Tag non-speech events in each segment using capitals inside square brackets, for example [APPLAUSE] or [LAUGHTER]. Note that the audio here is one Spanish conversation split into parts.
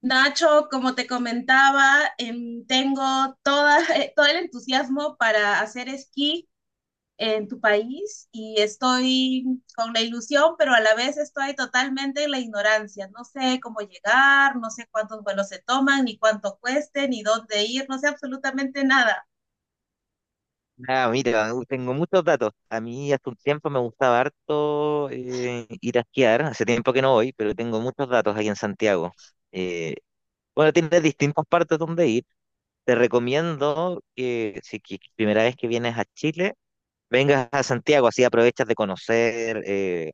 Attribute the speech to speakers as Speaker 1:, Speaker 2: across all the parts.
Speaker 1: Nacho, como te comentaba, tengo toda, [LAUGHS] todo el entusiasmo para hacer esquí en tu país y estoy con la ilusión, pero a la vez estoy totalmente en la ignorancia. No sé cómo llegar, no sé cuántos vuelos se toman, ni cuánto cueste, ni dónde ir, no sé absolutamente nada.
Speaker 2: Ah, mira, tengo muchos datos. A mí hace un tiempo me gustaba harto ir a esquiar, hace tiempo que no voy, pero tengo muchos datos aquí en Santiago. Eh, bueno, tienes distintas partes donde ir. Te recomiendo que si que- primera vez que vienes a Chile, vengas a Santiago, así aprovechas de conocer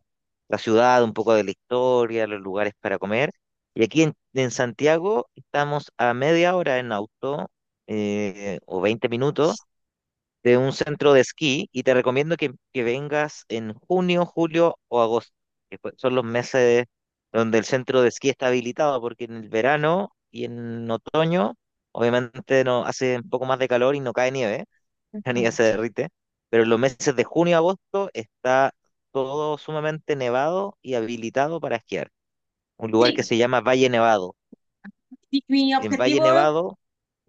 Speaker 2: la ciudad, un poco de la historia, los lugares para comer. Y aquí en Santiago estamos a media hora en auto o 20 minutos de un centro de esquí y te recomiendo que vengas en junio, julio o agosto, son los meses donde el centro de esquí está habilitado, porque en el verano y en otoño, obviamente no hace un poco más de calor y no cae nieve, [LAUGHS] la nieve
Speaker 1: Ujú.
Speaker 2: se derrite, pero en los meses de junio a agosto está todo sumamente nevado y habilitado para esquiar. Un lugar que
Speaker 1: Sí,
Speaker 2: se llama Valle Nevado.
Speaker 1: mi
Speaker 2: En Valle
Speaker 1: objetivo,
Speaker 2: Nevado,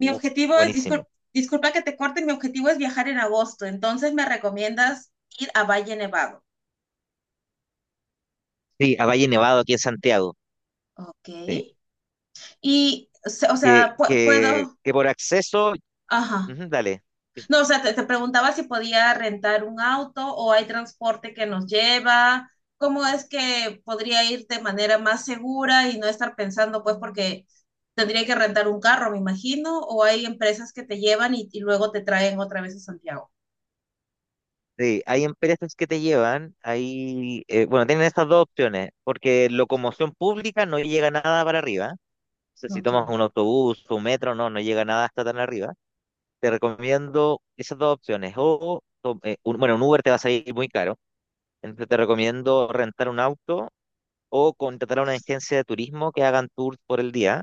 Speaker 1: mi objetivo es,
Speaker 2: buenísimo.
Speaker 1: disculpa que te corte, mi objetivo es viajar en agosto, entonces me recomiendas ir a Valle Nevado.
Speaker 2: Sí, a Valle Nevado aquí en Santiago,
Speaker 1: Ok.
Speaker 2: sí.
Speaker 1: Y, o
Speaker 2: Que,
Speaker 1: sea,
Speaker 2: que,
Speaker 1: puedo,
Speaker 2: que por acceso,
Speaker 1: ajá.
Speaker 2: ujú, dale. Sí.
Speaker 1: No, o sea, te preguntaba si podía rentar un auto o hay transporte que nos lleva. ¿Cómo es que podría ir de manera más segura y no estar pensando, pues, porque tendría que rentar un carro, me imagino, o hay empresas que te llevan y luego te traen otra vez a Santiago?
Speaker 2: Sí, hay empresas que te llevan, hay, bueno, tienen estas dos opciones, porque locomoción pública no llega nada para arriba. O sea, si
Speaker 1: Ok,
Speaker 2: tomas un autobús, un metro, no llega nada hasta tan arriba. Te recomiendo esas dos opciones. Bueno, un Uber te va a salir muy caro, entonces te recomiendo rentar un auto o contratar a una agencia de turismo que hagan tours por el día.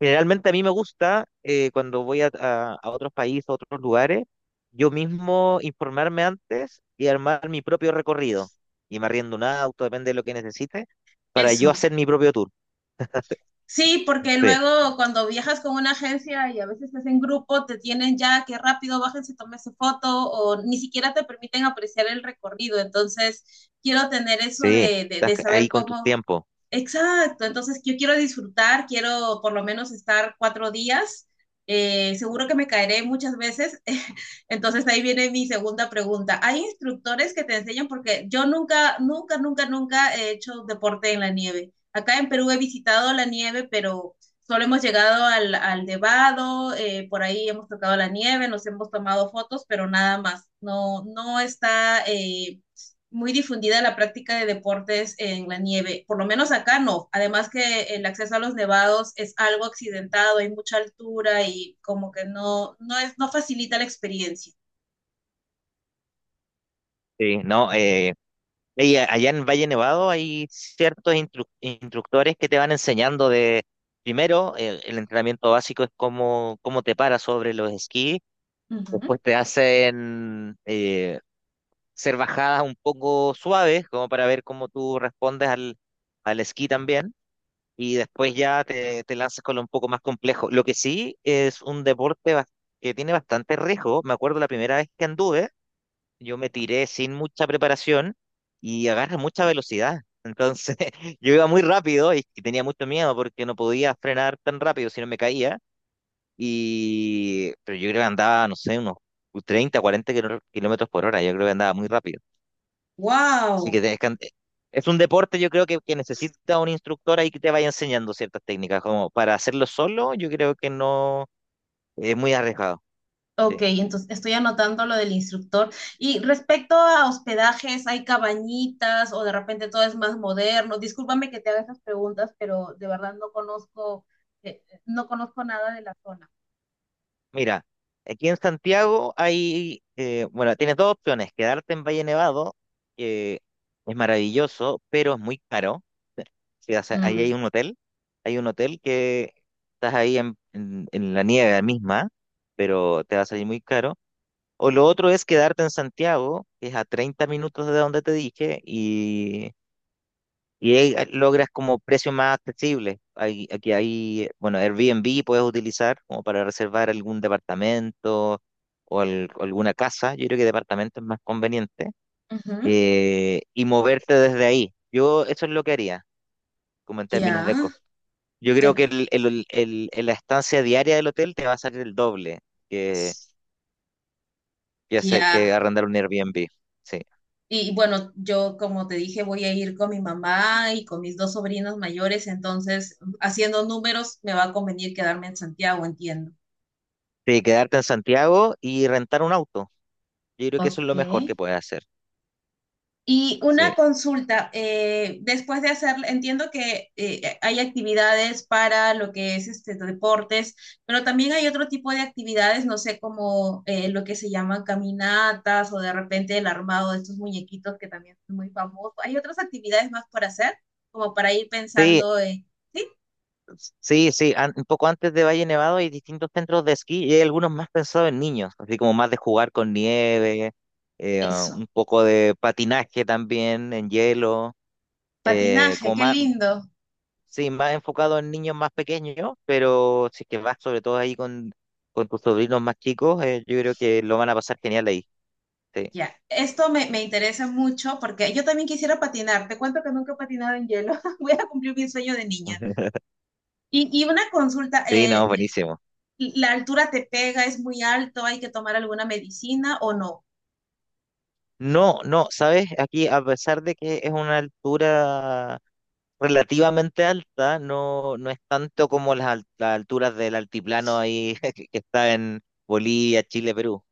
Speaker 2: Generalmente a mí me gusta cuando voy a otros países, a otros lugares, yo mismo informarme antes y armar mi propio recorrido. Y me arriendo un auto, depende de lo que necesite, para yo
Speaker 1: eso.
Speaker 2: hacer mi propio tour.
Speaker 1: Sí, porque
Speaker 2: Sí,
Speaker 1: luego cuando viajas con una agencia y a veces estás en grupo, te tienen ya que rápido bájense, tómese foto o ni siquiera te permiten apreciar el recorrido. Entonces, quiero tener eso
Speaker 2: sí,
Speaker 1: de, de,
Speaker 2: estás
Speaker 1: de saber
Speaker 2: ahí con tus
Speaker 1: cómo.
Speaker 2: tiempos.
Speaker 1: Exacto, entonces yo quiero disfrutar, quiero por lo menos estar 4 días. Seguro que me caeré muchas veces. [LAUGHS] Entonces ahí viene mi segunda pregunta. ¿Hay instructores que te enseñan? Porque yo nunca, nunca, nunca, nunca he hecho deporte en la nieve. Acá en Perú he visitado la nieve, pero solo hemos llegado al Nevado, por ahí hemos tocado la nieve, nos hemos tomado fotos, pero nada más. No, no está muy difundida la práctica de deportes en la nieve, por lo menos acá no. Además que el acceso a los nevados es algo accidentado, hay mucha altura y como que no, no es, no facilita la experiencia.
Speaker 2: Sí, no, allá en Valle Nevado hay ciertos instructores que te van enseñando de, primero, el entrenamiento básico es cómo te paras sobre los esquís. Después te hacen ser bajadas un poco suaves, como para ver cómo tú respondes al, al esquí también, y después ya te lanzas con lo un poco más complejo. Lo que sí es un que tiene bastante riesgo. Me acuerdo la primera vez que anduve, yo me tiré sin mucha preparación y agarra mucha velocidad. Entonces [LAUGHS] yo iba muy rápido y tenía mucho miedo porque no podía frenar tan rápido si no me caía. Y, pero yo creo que andaba, no sé, unos 30 40 kilómetros por hora. Yo creo que andaba muy rápido. Así
Speaker 1: Wow.
Speaker 2: que es un deporte, yo creo que necesita un instructor ahí que te vaya enseñando ciertas técnicas. Como para hacerlo solo, yo creo que no es muy arriesgado. Sí.
Speaker 1: Ok, entonces estoy anotando lo del instructor. Y respecto a hospedajes, ¿hay cabañitas o de repente todo es más moderno? Discúlpame que te haga estas preguntas, pero de verdad no conozco, no conozco nada de la zona.
Speaker 2: Mira, aquí en Santiago hay, bueno, tienes dos opciones: quedarte en Valle Nevado, que es maravilloso, pero es muy caro. Sí, sí, o sea, ahí
Speaker 1: Mm,
Speaker 2: hay un hotel que estás ahí en la nieve misma, pero te va a salir muy caro. O lo otro es quedarte en Santiago, que es a 30 minutos de donde te dije, y ahí ah, logras como precio más accesible. Aquí hay, bueno, Airbnb puedes utilizar como para reservar algún departamento o alguna casa. Yo creo que departamento es más conveniente.
Speaker 1: ujú,
Speaker 2: Y moverte desde ahí. Yo eso es lo que haría, como en términos
Speaker 1: ya,
Speaker 2: de costo. Yo creo que
Speaker 1: en-
Speaker 2: la estancia diaria del hotel te va a salir el doble que, que, que
Speaker 1: ya.
Speaker 2: arrendar un Airbnb, sí.
Speaker 1: Y bueno, yo como te dije, voy a ir con mi mamá y con mis dos sobrinos mayores, entonces haciendo números me va a convenir quedarme en Santiago, entiendo.
Speaker 2: Sí, quedarte en Santiago y rentar un auto. Yo creo que eso es
Speaker 1: Ok.
Speaker 2: lo mejor que puedes hacer.
Speaker 1: Y una
Speaker 2: Sí.
Speaker 1: consulta, después de hacer, entiendo que hay actividades para lo que es este, deportes, pero también hay otro tipo de actividades, no sé, como lo que se llaman caminatas o de repente el armado de estos muñequitos que también son muy famosos. ¿Hay otras actividades más por hacer? Como para ir
Speaker 2: Sí,
Speaker 1: pensando en, sí,
Speaker 2: sí, sí. Un poco antes de Valle Nevado hay distintos centros de esquí y hay algunos más pensados en niños, así como más de jugar con nieve,
Speaker 1: eso.
Speaker 2: un poco de patinaje también en hielo, eh,
Speaker 1: Patinaje,
Speaker 2: como
Speaker 1: qué
Speaker 2: más,
Speaker 1: lindo.
Speaker 2: sí, más enfocado en niños más pequeños, pero si es que vas sobre todo ahí con tus sobrinos más chicos, yo creo que lo van a pasar genial ahí. Sí.
Speaker 1: Ya, esto me interesa mucho porque yo también quisiera patinar. Te cuento que nunca he patinado en hielo. [LAUGHS] Voy a cumplir mi sueño de niña.
Speaker 2: [LAUGHS]
Speaker 1: Y una consulta,
Speaker 2: Sí, no, buenísimo.
Speaker 1: ¿la altura te pega? ¿Es muy alto? ¿Hay que tomar alguna medicina o no?
Speaker 2: No, no, sabes, aquí a pesar de que es una altura relativamente alta, no, no es tanto como las alturas del altiplano ahí [LAUGHS] que está en Bolivia, Chile, Perú.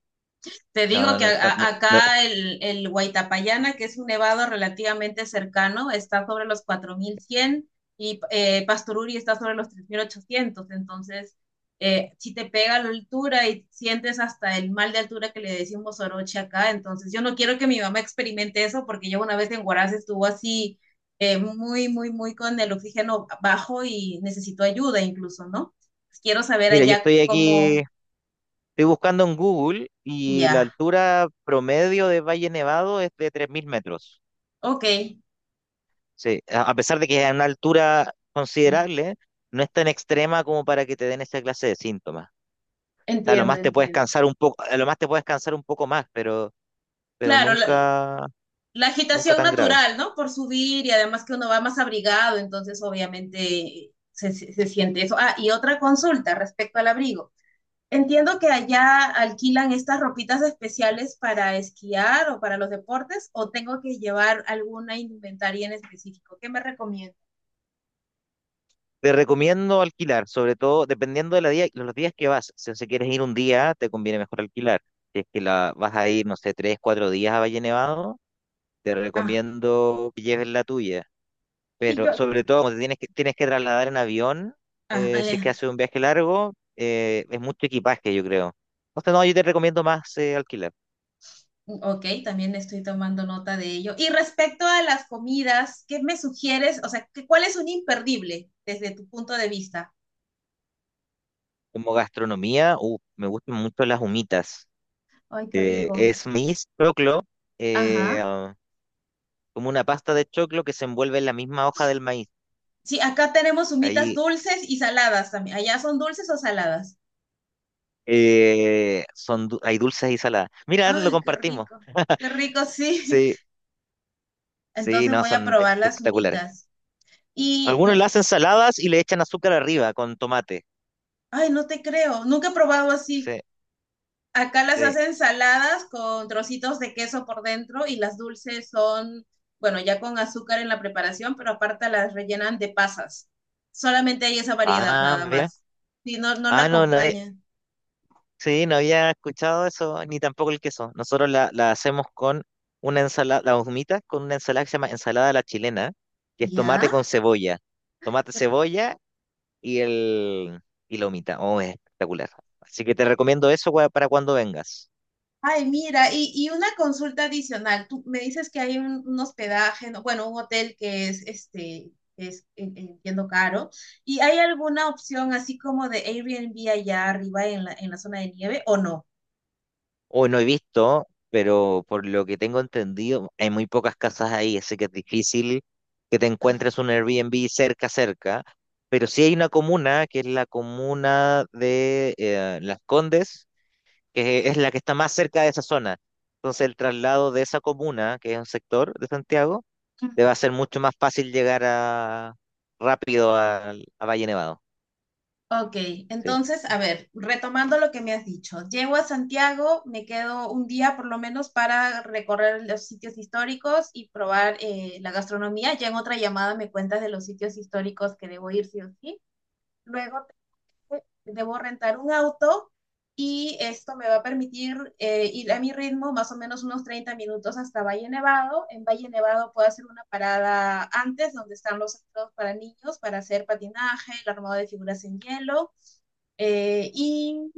Speaker 1: Te
Speaker 2: No,
Speaker 1: digo
Speaker 2: no,
Speaker 1: que
Speaker 2: no, no, no.
Speaker 1: acá el Huaytapallana, que es un nevado relativamente cercano, está sobre los 4100 y Pastoruri está sobre los 3800. Entonces, si te pega la altura y sientes hasta el mal de altura que le decimos oroche acá, entonces yo no quiero que mi mamá experimente eso porque yo una vez en Huaraz estuvo así muy, muy, muy con el oxígeno bajo y necesitó ayuda incluso, ¿no? Pues quiero saber
Speaker 2: Mira, yo
Speaker 1: allá
Speaker 2: estoy aquí,
Speaker 1: cómo.
Speaker 2: estoy buscando en Google y la
Speaker 1: Ya.
Speaker 2: altura promedio de Valle Nevado es de 3.000 metros.
Speaker 1: Ok.
Speaker 2: Sí, a pesar de que es una altura considerable, no es tan extrema como para que te den esa clase de síntomas. Sea, a lo
Speaker 1: Entiendo,
Speaker 2: más te puedes
Speaker 1: entiendo.
Speaker 2: cansar un poco, a lo más te puedes cansar un poco más, pero
Speaker 1: Claro, la,
Speaker 2: nunca,
Speaker 1: la
Speaker 2: nunca
Speaker 1: agitación
Speaker 2: tan grave.
Speaker 1: natural, ¿no? Por subir y además que uno va más abrigado, entonces obviamente se siente eso. Ah, y otra consulta respecto al abrigo. Entiendo que allá alquilan estas ropitas especiales para esquiar o para los deportes, o tengo que llevar alguna indumentaria en específico. ¿Qué me recomiendas?
Speaker 2: Te recomiendo alquilar, sobre todo dependiendo de la día, los días que vas. Si quieres ir un día, te conviene mejor alquilar. Si es que vas a ir, no sé, tres, cuatro días a Valle Nevado, te
Speaker 1: Ah,
Speaker 2: recomiendo que lleves la tuya.
Speaker 1: sí,
Speaker 2: Pero
Speaker 1: yo.
Speaker 2: sobre todo, como tienes que trasladar en avión,
Speaker 1: Ah,
Speaker 2: si es que haces un viaje largo, es mucho equipaje, yo creo. Entonces, no, yo te recomiendo más alquilar.
Speaker 1: ok, también estoy tomando nota de ello. Y respecto a las comidas, ¿qué me sugieres? O sea, ¿qué- ¿cuál es un imperdible desde tu punto de vista?
Speaker 2: Como gastronomía, me gustan mucho las humitas.
Speaker 1: Ay, qué rico.
Speaker 2: Es maíz choclo, eh,
Speaker 1: Ajá.
Speaker 2: ah, como una pasta de choclo que se envuelve en la misma hoja del maíz.
Speaker 1: Sí, acá tenemos humitas
Speaker 2: Ahí
Speaker 1: dulces y saladas también. ¿Allá son dulces o saladas?
Speaker 2: hay dulces y saladas. Mira, lo
Speaker 1: Ay,
Speaker 2: compartimos.
Speaker 1: qué rico, sí.
Speaker 2: Sí,
Speaker 1: [LAUGHS]
Speaker 2: sí,
Speaker 1: Entonces
Speaker 2: no,
Speaker 1: voy a
Speaker 2: son
Speaker 1: probar las
Speaker 2: espectaculares.
Speaker 1: humitas. Y,
Speaker 2: Algunos le hacen saladas y le echan azúcar arriba con tomate.
Speaker 1: ay, no te creo, nunca he probado así.
Speaker 2: Sí,
Speaker 1: Acá las
Speaker 2: sí.
Speaker 1: hacen saladas con trocitos de queso por dentro y las dulces son, bueno, ya con azúcar en la preparación, pero aparte las rellenan de pasas. Solamente hay esa variedad
Speaker 2: Ah,
Speaker 1: nada
Speaker 2: mira.
Speaker 1: más. Si no, no la
Speaker 2: Ah, no, no,
Speaker 1: acompañan.
Speaker 2: sí, no había escuchado eso, ni tampoco el queso. Nosotros la hacemos con una ensalada, la humita con una ensalada que se llama ensalada a la chilena, que es tomate
Speaker 1: ¿Ya?
Speaker 2: con cebolla. Tomate, cebolla y el y la humita. Oh, es espectacular. Así que te recomiendo eso para cuando vengas.
Speaker 1: Ay, mira, y una consulta adicional. Tú me dices que hay un hospedaje, no, bueno, un hotel que es, este, es, entiendo, caro. ¿Y hay alguna opción así como de Airbnb allá arriba en la zona de nieve o no?
Speaker 2: Hoy no he visto, pero por lo que tengo entendido, hay muy pocas casas ahí, así que es difícil que te encuentres un Airbnb cerca, cerca. Pero sí hay una comuna, que es la comuna de Las Condes, que es la que está más cerca de esa zona. Entonces el traslado de esa comuna, que es un sector de Santiago, le va a ser mucho más fácil llegar a, rápido a Valle Nevado.
Speaker 1: Ok,
Speaker 2: Sí,
Speaker 1: entonces, a ver, retomando lo que me has dicho, llego a Santiago, me quedo un día por lo menos para recorrer los sitios históricos y probar la gastronomía. Ya en otra llamada me cuentas de los sitios históricos que debo ir sí o sí. Luego debo rentar un auto y esto me va a permitir ir a mi ritmo más o menos unos 30 minutos hasta Valle Nevado. En Valle Nevado puedo hacer una parada antes donde están los centros para niños para hacer patinaje, el armado de figuras en hielo. Y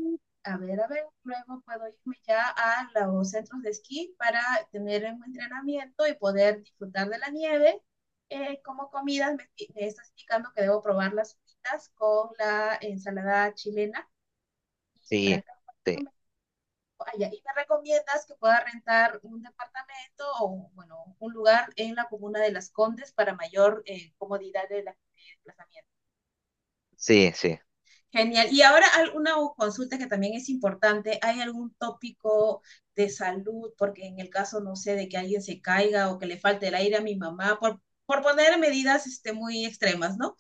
Speaker 1: a ver, luego puedo irme ya a los centros de esquí para tener un entrenamiento y poder disfrutar de la nieve. Como comidas, me estás indicando que debo probar las fritas con la ensalada chilena para
Speaker 2: sí,
Speaker 1: acá.
Speaker 2: sí,
Speaker 1: Allá. Y me recomiendas que pueda rentar un departamento o, bueno, un lugar en la comuna de Las Condes para mayor comodidad de de desplazamiento.
Speaker 2: sí, sí.
Speaker 1: Genial. Y ahora alguna consulta que también es importante. ¿Hay algún tópico de salud? Porque en el caso, no sé, de que alguien se caiga o que le falte el aire a mi mamá, por poner medidas este, muy extremas, ¿no?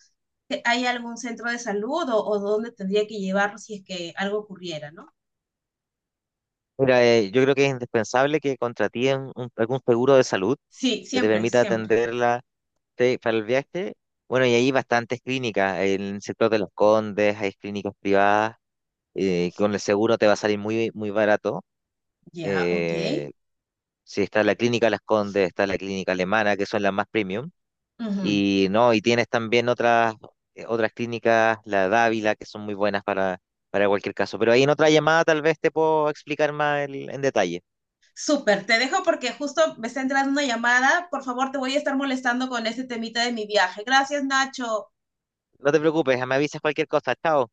Speaker 1: ¿Hay algún centro de salud o dónde tendría que llevarlo si es que algo ocurriera, ¿no?
Speaker 2: Mira, yo creo que es indispensable que contratíen algún seguro de salud
Speaker 1: Sí,
Speaker 2: que te
Speaker 1: siempre,
Speaker 2: permita
Speaker 1: siempre.
Speaker 2: atenderla, sí, para el viaje. Bueno, y hay bastantes clínicas, en el sector de Los Condes hay clínicas privadas, con el seguro te va a salir muy, muy barato.
Speaker 1: Ya, ok.
Speaker 2: eh, Sí, está la Clínica Las Condes, está la Clínica Alemana, que son las más premium.
Speaker 1: Ujú.
Speaker 2: Y no, y tienes también otras, otras clínicas, la Dávila, que son muy buenas para cualquier caso. Pero ahí en otra llamada tal vez te puedo explicar más en detalle.
Speaker 1: Súper, te dejo porque justo me está entrando una llamada. Por favor, te voy a estar molestando con este temita de mi viaje. Gracias, Nacho.
Speaker 2: No te preocupes, me avisas cualquier cosa. Chao.